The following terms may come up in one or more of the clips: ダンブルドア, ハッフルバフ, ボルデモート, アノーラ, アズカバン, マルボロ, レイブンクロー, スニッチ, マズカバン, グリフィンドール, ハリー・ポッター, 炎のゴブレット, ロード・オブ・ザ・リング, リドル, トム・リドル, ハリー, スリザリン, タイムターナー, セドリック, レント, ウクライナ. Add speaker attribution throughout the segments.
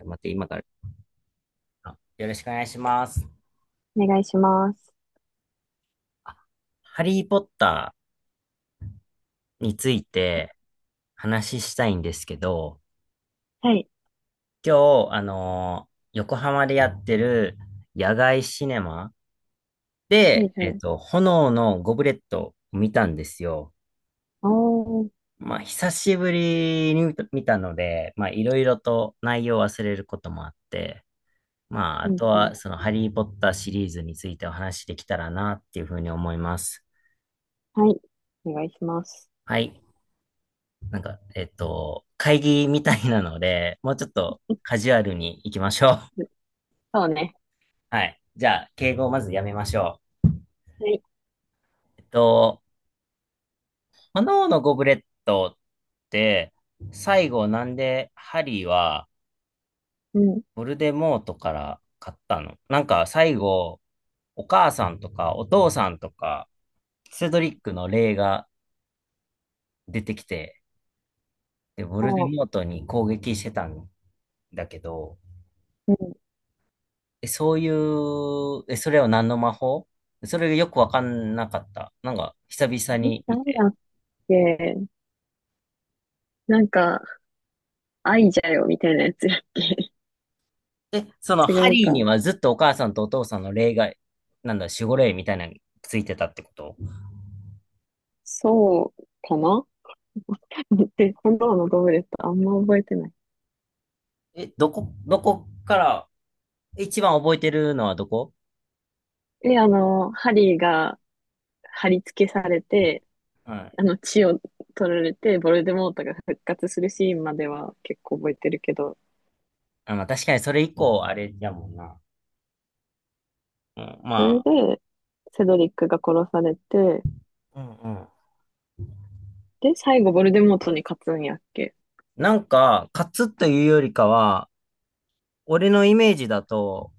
Speaker 1: 待って、今から。あ、よろしくお願いします。
Speaker 2: お願いします。
Speaker 1: あ、ハリー・ポッターについて話ししたいんですけど、
Speaker 2: はい。
Speaker 1: 今日、横浜でやってる野外シネマ
Speaker 2: は
Speaker 1: で、
Speaker 2: いはい。
Speaker 1: 炎のゴブレットを見たんですよ。
Speaker 2: おー。
Speaker 1: まあ、久しぶりに見たので、まあ、いろいろと内容を忘れることもあって、まあ、あ
Speaker 2: うん
Speaker 1: と
Speaker 2: うん。
Speaker 1: は、その、ハリー・ポッターシリーズについてお話しできたらな、っていうふうに思います。
Speaker 2: はい。お願いします。
Speaker 1: はい。なんか、会議みたいなので、もうちょっと
Speaker 2: う
Speaker 1: カジュアルに行きましょう。
Speaker 2: ん、そうね。
Speaker 1: はい。じゃあ、敬語をまずやめましょ
Speaker 2: はい。
Speaker 1: う。炎のゴブレットって、最後なんでハリーは
Speaker 2: うん。
Speaker 1: ボルデモートから買ったのなんか最後、お母さんとかお父さんとか、セドリックの霊が出てきて、で、ボルデ
Speaker 2: も
Speaker 1: モートに攻撃してたんだけど、
Speaker 2: う、う
Speaker 1: え、そういう、え、それは何の魔法それがよくわかんなかった。なんか、久々
Speaker 2: ん。え、
Speaker 1: に見
Speaker 2: 誰
Speaker 1: て。
Speaker 2: だっけ。なんか、愛じゃよ、みたいなやつだっけ。
Speaker 1: え、その、
Speaker 2: 違
Speaker 1: ハ
Speaker 2: う
Speaker 1: リー
Speaker 2: か。
Speaker 1: にはずっとお母さんとお父さんの霊が、なんだ、守護霊みたいなのについてたってこと？
Speaker 2: そうかな。 で、今度のゴブレットあんま覚えてない。
Speaker 1: え、どこから、一番覚えてるのはどこ？
Speaker 2: で、あの、ハリーが貼り付けされて、
Speaker 1: うん。
Speaker 2: あの、血を取られて、ボルデモートが復活するシーンまでは結構覚えてるけど、
Speaker 1: あ、まあ、確かにそれ以降、あれやもんな。うん、
Speaker 2: それ
Speaker 1: ま
Speaker 2: で、セドリックが殺されて、
Speaker 1: あ、うんうん。
Speaker 2: で、最後、ヴォルデモートに勝つんやっけ。
Speaker 1: なんか、勝つというよりかは、俺のイメージだと、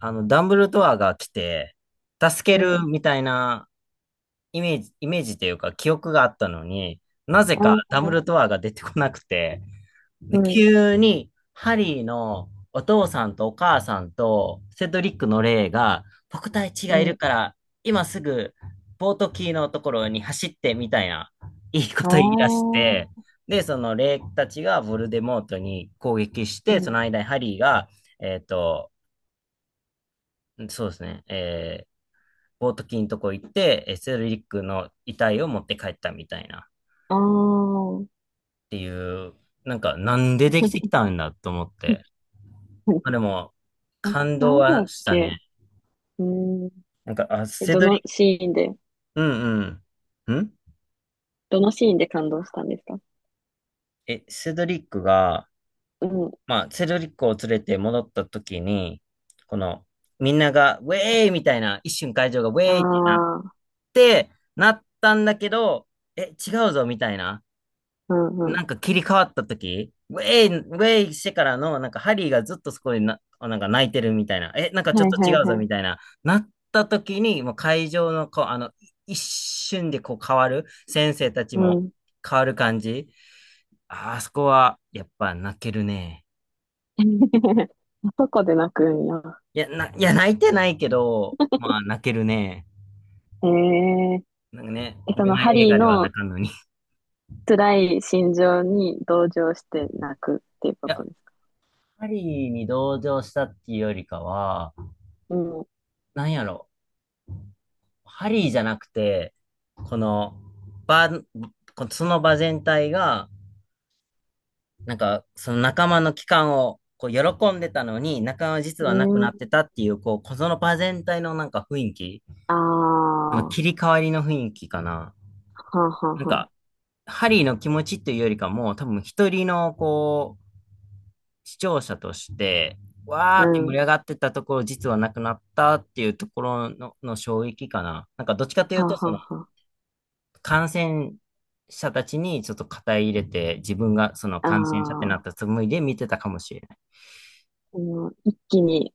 Speaker 1: ダンブルドアが来て、助
Speaker 2: う
Speaker 1: ける
Speaker 2: ん。
Speaker 1: みたいな、イメージというか記憶があったのに、なぜ
Speaker 2: あ
Speaker 1: かダブ
Speaker 2: あ、
Speaker 1: ルドアが出てこなくて、
Speaker 2: う
Speaker 1: で、
Speaker 2: ん、
Speaker 1: 急にハリーのお父さんとお母さんとセドリックの霊が、僕たち
Speaker 2: う
Speaker 1: がいる
Speaker 2: ん。
Speaker 1: から、今すぐボートキーのところに走ってみたいな、いいこ
Speaker 2: あ
Speaker 1: と
Speaker 2: あ、
Speaker 1: 言い出して、で、その霊たちがヴォルデモートに攻撃して、
Speaker 2: う
Speaker 1: そ
Speaker 2: ん。
Speaker 1: の間にハリーが、えっと、そうですね、ボートキーのとこ行って、セドリックの遺体を持って帰ったみたいなっ
Speaker 2: ああ。
Speaker 1: ていう、なんかなんでできてきたんだと思って。まあ でも、感
Speaker 2: な
Speaker 1: 動
Speaker 2: んでや
Speaker 1: は
Speaker 2: っ
Speaker 1: した
Speaker 2: け。
Speaker 1: ね。
Speaker 2: うん。
Speaker 1: なんか、あ、
Speaker 2: え、
Speaker 1: セ
Speaker 2: ど
Speaker 1: ドリ
Speaker 2: の
Speaker 1: ッ
Speaker 2: シーンで、
Speaker 1: ク、うんうん。
Speaker 2: どのシーンで感動したんですか？
Speaker 1: え、セドリックが、
Speaker 2: うん。
Speaker 1: まあ、セドリックを連れて戻った時に、この、みんなが、ウェーイみたいな、一瞬会場がウ
Speaker 2: あ
Speaker 1: ェーイって
Speaker 2: あ、
Speaker 1: なったんだけど、え、違うぞみたいな。
Speaker 2: うんう
Speaker 1: な
Speaker 2: ん。
Speaker 1: んか切り替わった時、ウェイ、ウェイしてからの、なんかハリーがずっとそこでな、なんか泣いてるみたいな、え、なんかちょっ
Speaker 2: はい
Speaker 1: と
Speaker 2: はい
Speaker 1: 違うぞ
Speaker 2: はい。
Speaker 1: みたいな、なった時に、もう会場のこう、あの、一瞬でこう変わる、先生たち
Speaker 2: う
Speaker 1: も
Speaker 2: ん。
Speaker 1: 変わる感じ。ああそこは、やっぱ泣けるね。
Speaker 2: あそこで泣くんや。
Speaker 1: いや、いや、泣いてないけど、まあ泣けるね。
Speaker 2: ええ。
Speaker 1: なんかね、
Speaker 2: え、そ
Speaker 1: 恋
Speaker 2: のハ
Speaker 1: 愛映
Speaker 2: リー
Speaker 1: 画では泣
Speaker 2: の
Speaker 1: かんのに。い
Speaker 2: 辛い心情に同情して泣くっていうこ
Speaker 1: や、
Speaker 2: とですか？
Speaker 1: ハリーに同情したっていうよりかは、
Speaker 2: うん。
Speaker 1: なんやろ。ハリーじゃなくて、この場、このその場全体が、なんか、その仲間の帰還を、こう、喜んでたのに、仲間は実
Speaker 2: う
Speaker 1: はなくな
Speaker 2: ん。
Speaker 1: ってたっていう、こその場全体のなんか雰囲気、
Speaker 2: あ
Speaker 1: その
Speaker 2: あ、は
Speaker 1: 切り替わりの雰囲気かな。
Speaker 2: あはあ
Speaker 1: なん
Speaker 2: はあ。
Speaker 1: か、ハリーの気持ちっていうよりかも、多分一人の、こう、視聴者として、わ
Speaker 2: う
Speaker 1: ーって盛
Speaker 2: ん。は
Speaker 1: り上がってたところ、実はなくなったっていうところの衝撃かな。なんか、どっちかとい
Speaker 2: あ
Speaker 1: うと、
Speaker 2: は
Speaker 1: その、
Speaker 2: あは
Speaker 1: 感染者たちにちょっと肩入れて、自分がその
Speaker 2: あ。あ
Speaker 1: 感染者ってなっ
Speaker 2: あ、
Speaker 1: たつもりで見てたかもしれない。
Speaker 2: この一気に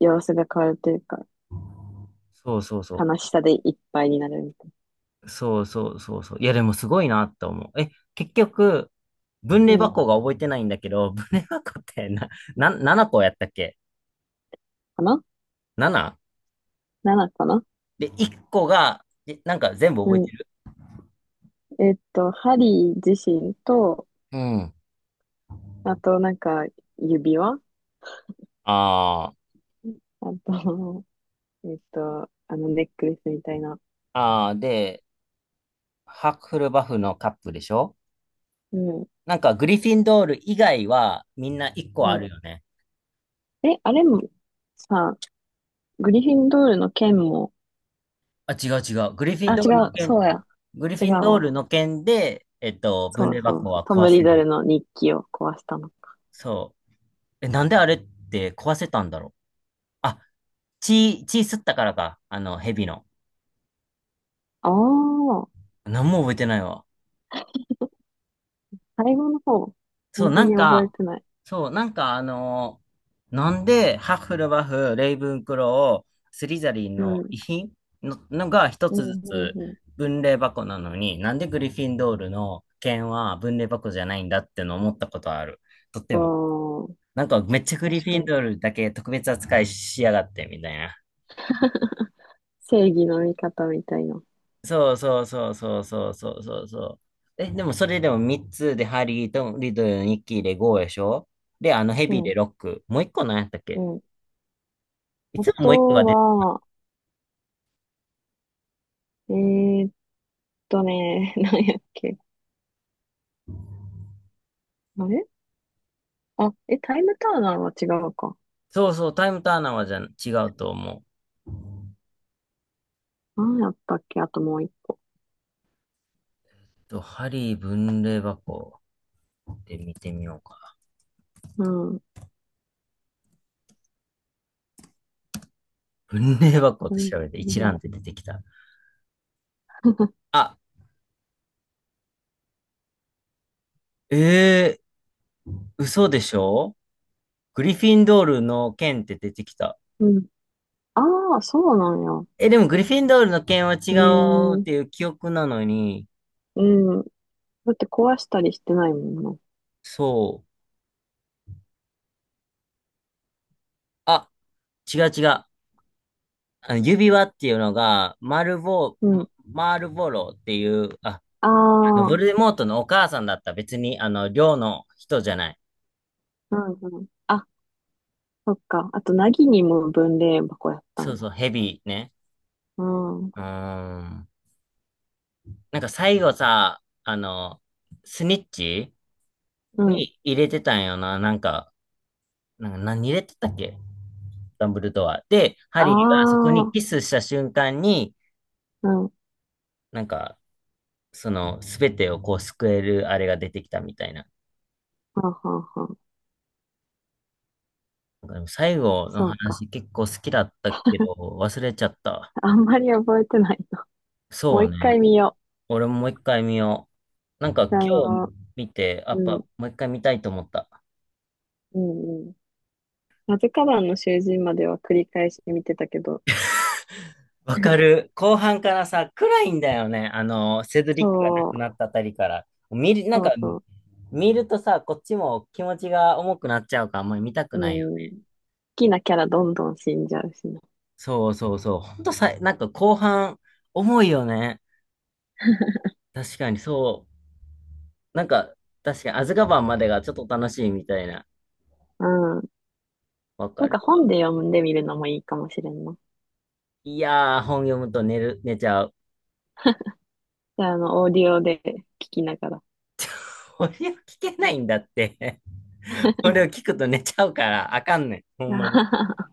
Speaker 2: 様子が変わるというか、
Speaker 1: そうそうそ
Speaker 2: 悲し
Speaker 1: う。
Speaker 2: さでいっぱいになるみたい
Speaker 1: そうそうそうそう。いや、でもすごいなって思う。え、結局、分
Speaker 2: な。う
Speaker 1: 類
Speaker 2: ん。
Speaker 1: 箱が覚えてないんだけど、分類箱ってな、7個やったっけ
Speaker 2: かな？
Speaker 1: ?7?
Speaker 2: 7 かな。
Speaker 1: で、1個が、え、なんか全部
Speaker 2: う
Speaker 1: 覚えて
Speaker 2: ん。
Speaker 1: る？
Speaker 2: ハリー自身と、
Speaker 1: うん。
Speaker 2: あとなんか、指輪、
Speaker 1: ああ、
Speaker 2: あと、あの、ネックレスみたいな。
Speaker 1: ああ、で、ハッフルバフのカップでしょ？
Speaker 2: うん。
Speaker 1: なんかグリフィンドール以外はみんな1個
Speaker 2: う
Speaker 1: あ
Speaker 2: ん。
Speaker 1: るよね。
Speaker 2: え、あれも、さ、グリフィンドールの剣も、
Speaker 1: あ、違う違う。
Speaker 2: あ、違う、そうや。
Speaker 1: グリフ
Speaker 2: 違う
Speaker 1: ィンドー
Speaker 2: わ。
Speaker 1: ルの剣で、分
Speaker 2: そ
Speaker 1: 霊
Speaker 2: うそ
Speaker 1: 箱
Speaker 2: うそう。
Speaker 1: は
Speaker 2: ト
Speaker 1: 壊
Speaker 2: ム・
Speaker 1: せ
Speaker 2: リド
Speaker 1: る。
Speaker 2: ルの日記を壊したの。
Speaker 1: そう。え、なんであれって壊せたんだろう。あ、血吸ったからか。あの、蛇の。
Speaker 2: ああ、
Speaker 1: 何も覚えてないわ。
Speaker 2: 最後の方。そ
Speaker 1: そう、
Speaker 2: んな
Speaker 1: なん
Speaker 2: に覚え
Speaker 1: か、
Speaker 2: てない。
Speaker 1: そう、なんか、なんで、ハッフルバフ、レイブンクロースリザリン
Speaker 2: う
Speaker 1: の
Speaker 2: ん。
Speaker 1: 遺品のが一
Speaker 2: うん、
Speaker 1: つず
Speaker 2: うん、
Speaker 1: つ
Speaker 2: う
Speaker 1: 分霊箱なのに、なんでグリフィンドールの剣は分霊箱じゃないんだっての思ったことある。とっても。
Speaker 2: ん。ああ、
Speaker 1: なんかめっちゃグリ
Speaker 2: 確
Speaker 1: フィ
Speaker 2: か
Speaker 1: ン
Speaker 2: に。
Speaker 1: ドールだけ特別扱いしやがってみたいな。
Speaker 2: 正義の味方みたいな。
Speaker 1: そうそうそうそうそうそうそうそう。え、でもそれでも3つでハリーとリドル、ニッキーで5でしょ？で、あのヘ
Speaker 2: う
Speaker 1: ビーで
Speaker 2: ん、
Speaker 1: 6。もう1個何やったっ
Speaker 2: う
Speaker 1: け？
Speaker 2: ん。
Speaker 1: い
Speaker 2: あ
Speaker 1: つももう1個が
Speaker 2: と
Speaker 1: 出て、
Speaker 2: は、えーっ何やっけ。あれ、あ、え、タイムターナーは違うか。
Speaker 1: そうそう、タイムターナーはじゃん違うと思う。
Speaker 2: 何やったっけあともう一個。
Speaker 1: と、ハリー分類箱で見てみようか。
Speaker 2: うん。
Speaker 1: 分類箱っ
Speaker 2: う
Speaker 1: て
Speaker 2: ん。
Speaker 1: 調べて一覧って出てきた。あ、えー、嘘でしょ？グリフィンドールの剣って出てきた。
Speaker 2: うん。ああー、そうなんや。
Speaker 1: え、でもグリフィンドールの件は違うっ
Speaker 2: え
Speaker 1: てい
Speaker 2: え、
Speaker 1: う記憶なのに、
Speaker 2: うん。だって壊したりしてないもんな。
Speaker 1: そう。あ、違う違う。あの指輪っていうのが、
Speaker 2: う
Speaker 1: マ
Speaker 2: ん。
Speaker 1: マルボロっていう、あ、
Speaker 2: あ
Speaker 1: ヴ
Speaker 2: あ、
Speaker 1: ォ
Speaker 2: う
Speaker 1: ルデモートのお母さんだった。別に、寮の人じゃない。
Speaker 2: んうん。あ、そっか。あと、なぎにも分霊箱やった
Speaker 1: そう
Speaker 2: んや。
Speaker 1: そう、ヘビーね。
Speaker 2: うん、
Speaker 1: うーん。なんか最後さ、スニッチ
Speaker 2: うん。
Speaker 1: に入れてたんよな。なんか何入れてたっけ？ダンブルドア。で、ハ
Speaker 2: あ
Speaker 1: リーがそこに
Speaker 2: あ、
Speaker 1: キスした瞬間に、
Speaker 2: うん、はん
Speaker 1: なんか、その、すべてをこう救えるあれが出てきたみたいな。
Speaker 2: はんはん。
Speaker 1: なんかでも最後の
Speaker 2: そうか。
Speaker 1: 話結構好きだったけど、忘れちゃった。
Speaker 2: あんまり覚えてない。も
Speaker 1: そ
Speaker 2: う
Speaker 1: う
Speaker 2: 一回
Speaker 1: ね。
Speaker 2: 見よ
Speaker 1: 俺ももう一回見よう。なんか
Speaker 2: う。
Speaker 1: 今
Speaker 2: あ
Speaker 1: 日
Speaker 2: の、
Speaker 1: 見て、やっ
Speaker 2: う
Speaker 1: ぱ
Speaker 2: ん、
Speaker 1: もう一回見たいと思った。
Speaker 2: うん、うん。マズカバンの囚人までは繰り返し見てたけど、
Speaker 1: わか る。後半からさ、暗いんだよね。あの、セドリックが亡
Speaker 2: そ
Speaker 1: く
Speaker 2: う、
Speaker 1: なったあたりから。見る、なん
Speaker 2: そ
Speaker 1: か、
Speaker 2: うそ
Speaker 1: 見るとさ、こっちも気持ちが重くなっちゃうから、あんまり見たく
Speaker 2: う、
Speaker 1: ないよ。
Speaker 2: うん。好きなキャラどんどん死んじゃうしな。
Speaker 1: そうそうそう。ほんとさ、なんか後半、重いよね。確かにそう。なんか、確かに、アズカバンまでがちょっと楽しいみたいな。
Speaker 2: うん。
Speaker 1: わか
Speaker 2: なん
Speaker 1: る
Speaker 2: か本
Speaker 1: わ。
Speaker 2: で読んでみるのもいいかもしれんな。
Speaker 1: いやー、本読むと寝ちゃう。
Speaker 2: じゃあ、あの、オーディオで聞きながら。
Speaker 1: これを聞けないんだって。これを聞くと寝ちゃうから、あかんねん。ほんまに。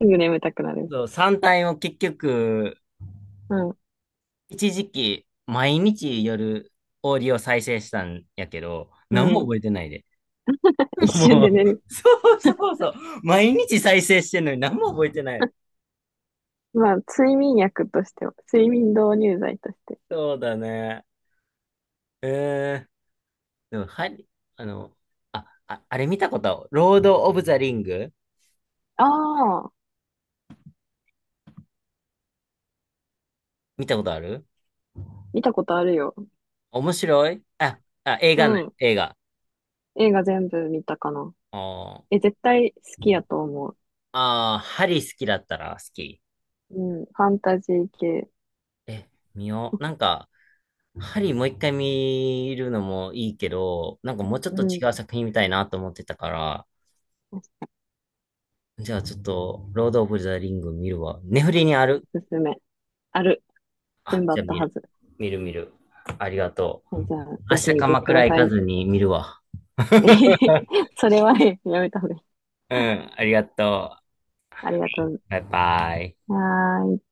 Speaker 2: すぐ眠たくなる。
Speaker 1: そう、3体を結局、
Speaker 2: うん、
Speaker 1: 一時期、毎日夜、オーディオ再生したんやけど、
Speaker 2: う
Speaker 1: 何も
Speaker 2: ん。
Speaker 1: 覚えてないで。
Speaker 2: 一 瞬
Speaker 1: も
Speaker 2: で
Speaker 1: う、
Speaker 2: 寝る。
Speaker 1: そうそうそう。毎日再生してんのに何も覚えてない。
Speaker 2: まあ、睡眠薬としては、睡眠導入剤として。
Speaker 1: そうだね。えーでも、ハリ、あの、あ、あ、あれ見たことあるロード・オブ・ザ・リング？
Speaker 2: ああ、
Speaker 1: 見たことある？
Speaker 2: 見たことあるよ。
Speaker 1: 面白い映
Speaker 2: う
Speaker 1: 画ない、
Speaker 2: ん。
Speaker 1: 映画。
Speaker 2: 映画全部見たかな。
Speaker 1: あー
Speaker 2: え、絶対好きやと思う。
Speaker 1: ハリ好きだったら好き。
Speaker 2: うん。ファンタジー系。
Speaker 1: え、見よう。なんか、ハリもう一回見るのもいいけど、なんかもうちょっ
Speaker 2: う
Speaker 1: と
Speaker 2: ん。
Speaker 1: 違う作品見たいなと思ってたから、
Speaker 2: お
Speaker 1: じゃあちょっと、ロード・オブ・ザ・リング見るわ。ネフリにある？
Speaker 2: すすめ。ある。
Speaker 1: あ、
Speaker 2: 全部あ
Speaker 1: じ
Speaker 2: っ
Speaker 1: ゃあ
Speaker 2: た
Speaker 1: 見
Speaker 2: は
Speaker 1: る。
Speaker 2: ず。
Speaker 1: 見る見る。ありがとう。
Speaker 2: はい、じゃあ、
Speaker 1: 明
Speaker 2: ぜひ
Speaker 1: 日
Speaker 2: 見て
Speaker 1: 鎌
Speaker 2: く
Speaker 1: 倉
Speaker 2: だ
Speaker 1: 行
Speaker 2: さ
Speaker 1: か
Speaker 2: い。
Speaker 1: ずに見るわ。
Speaker 2: それはね、やめた方がいい。
Speaker 1: うん、ありがとう。
Speaker 2: ありがとう。
Speaker 1: バイバイ。
Speaker 2: はーい。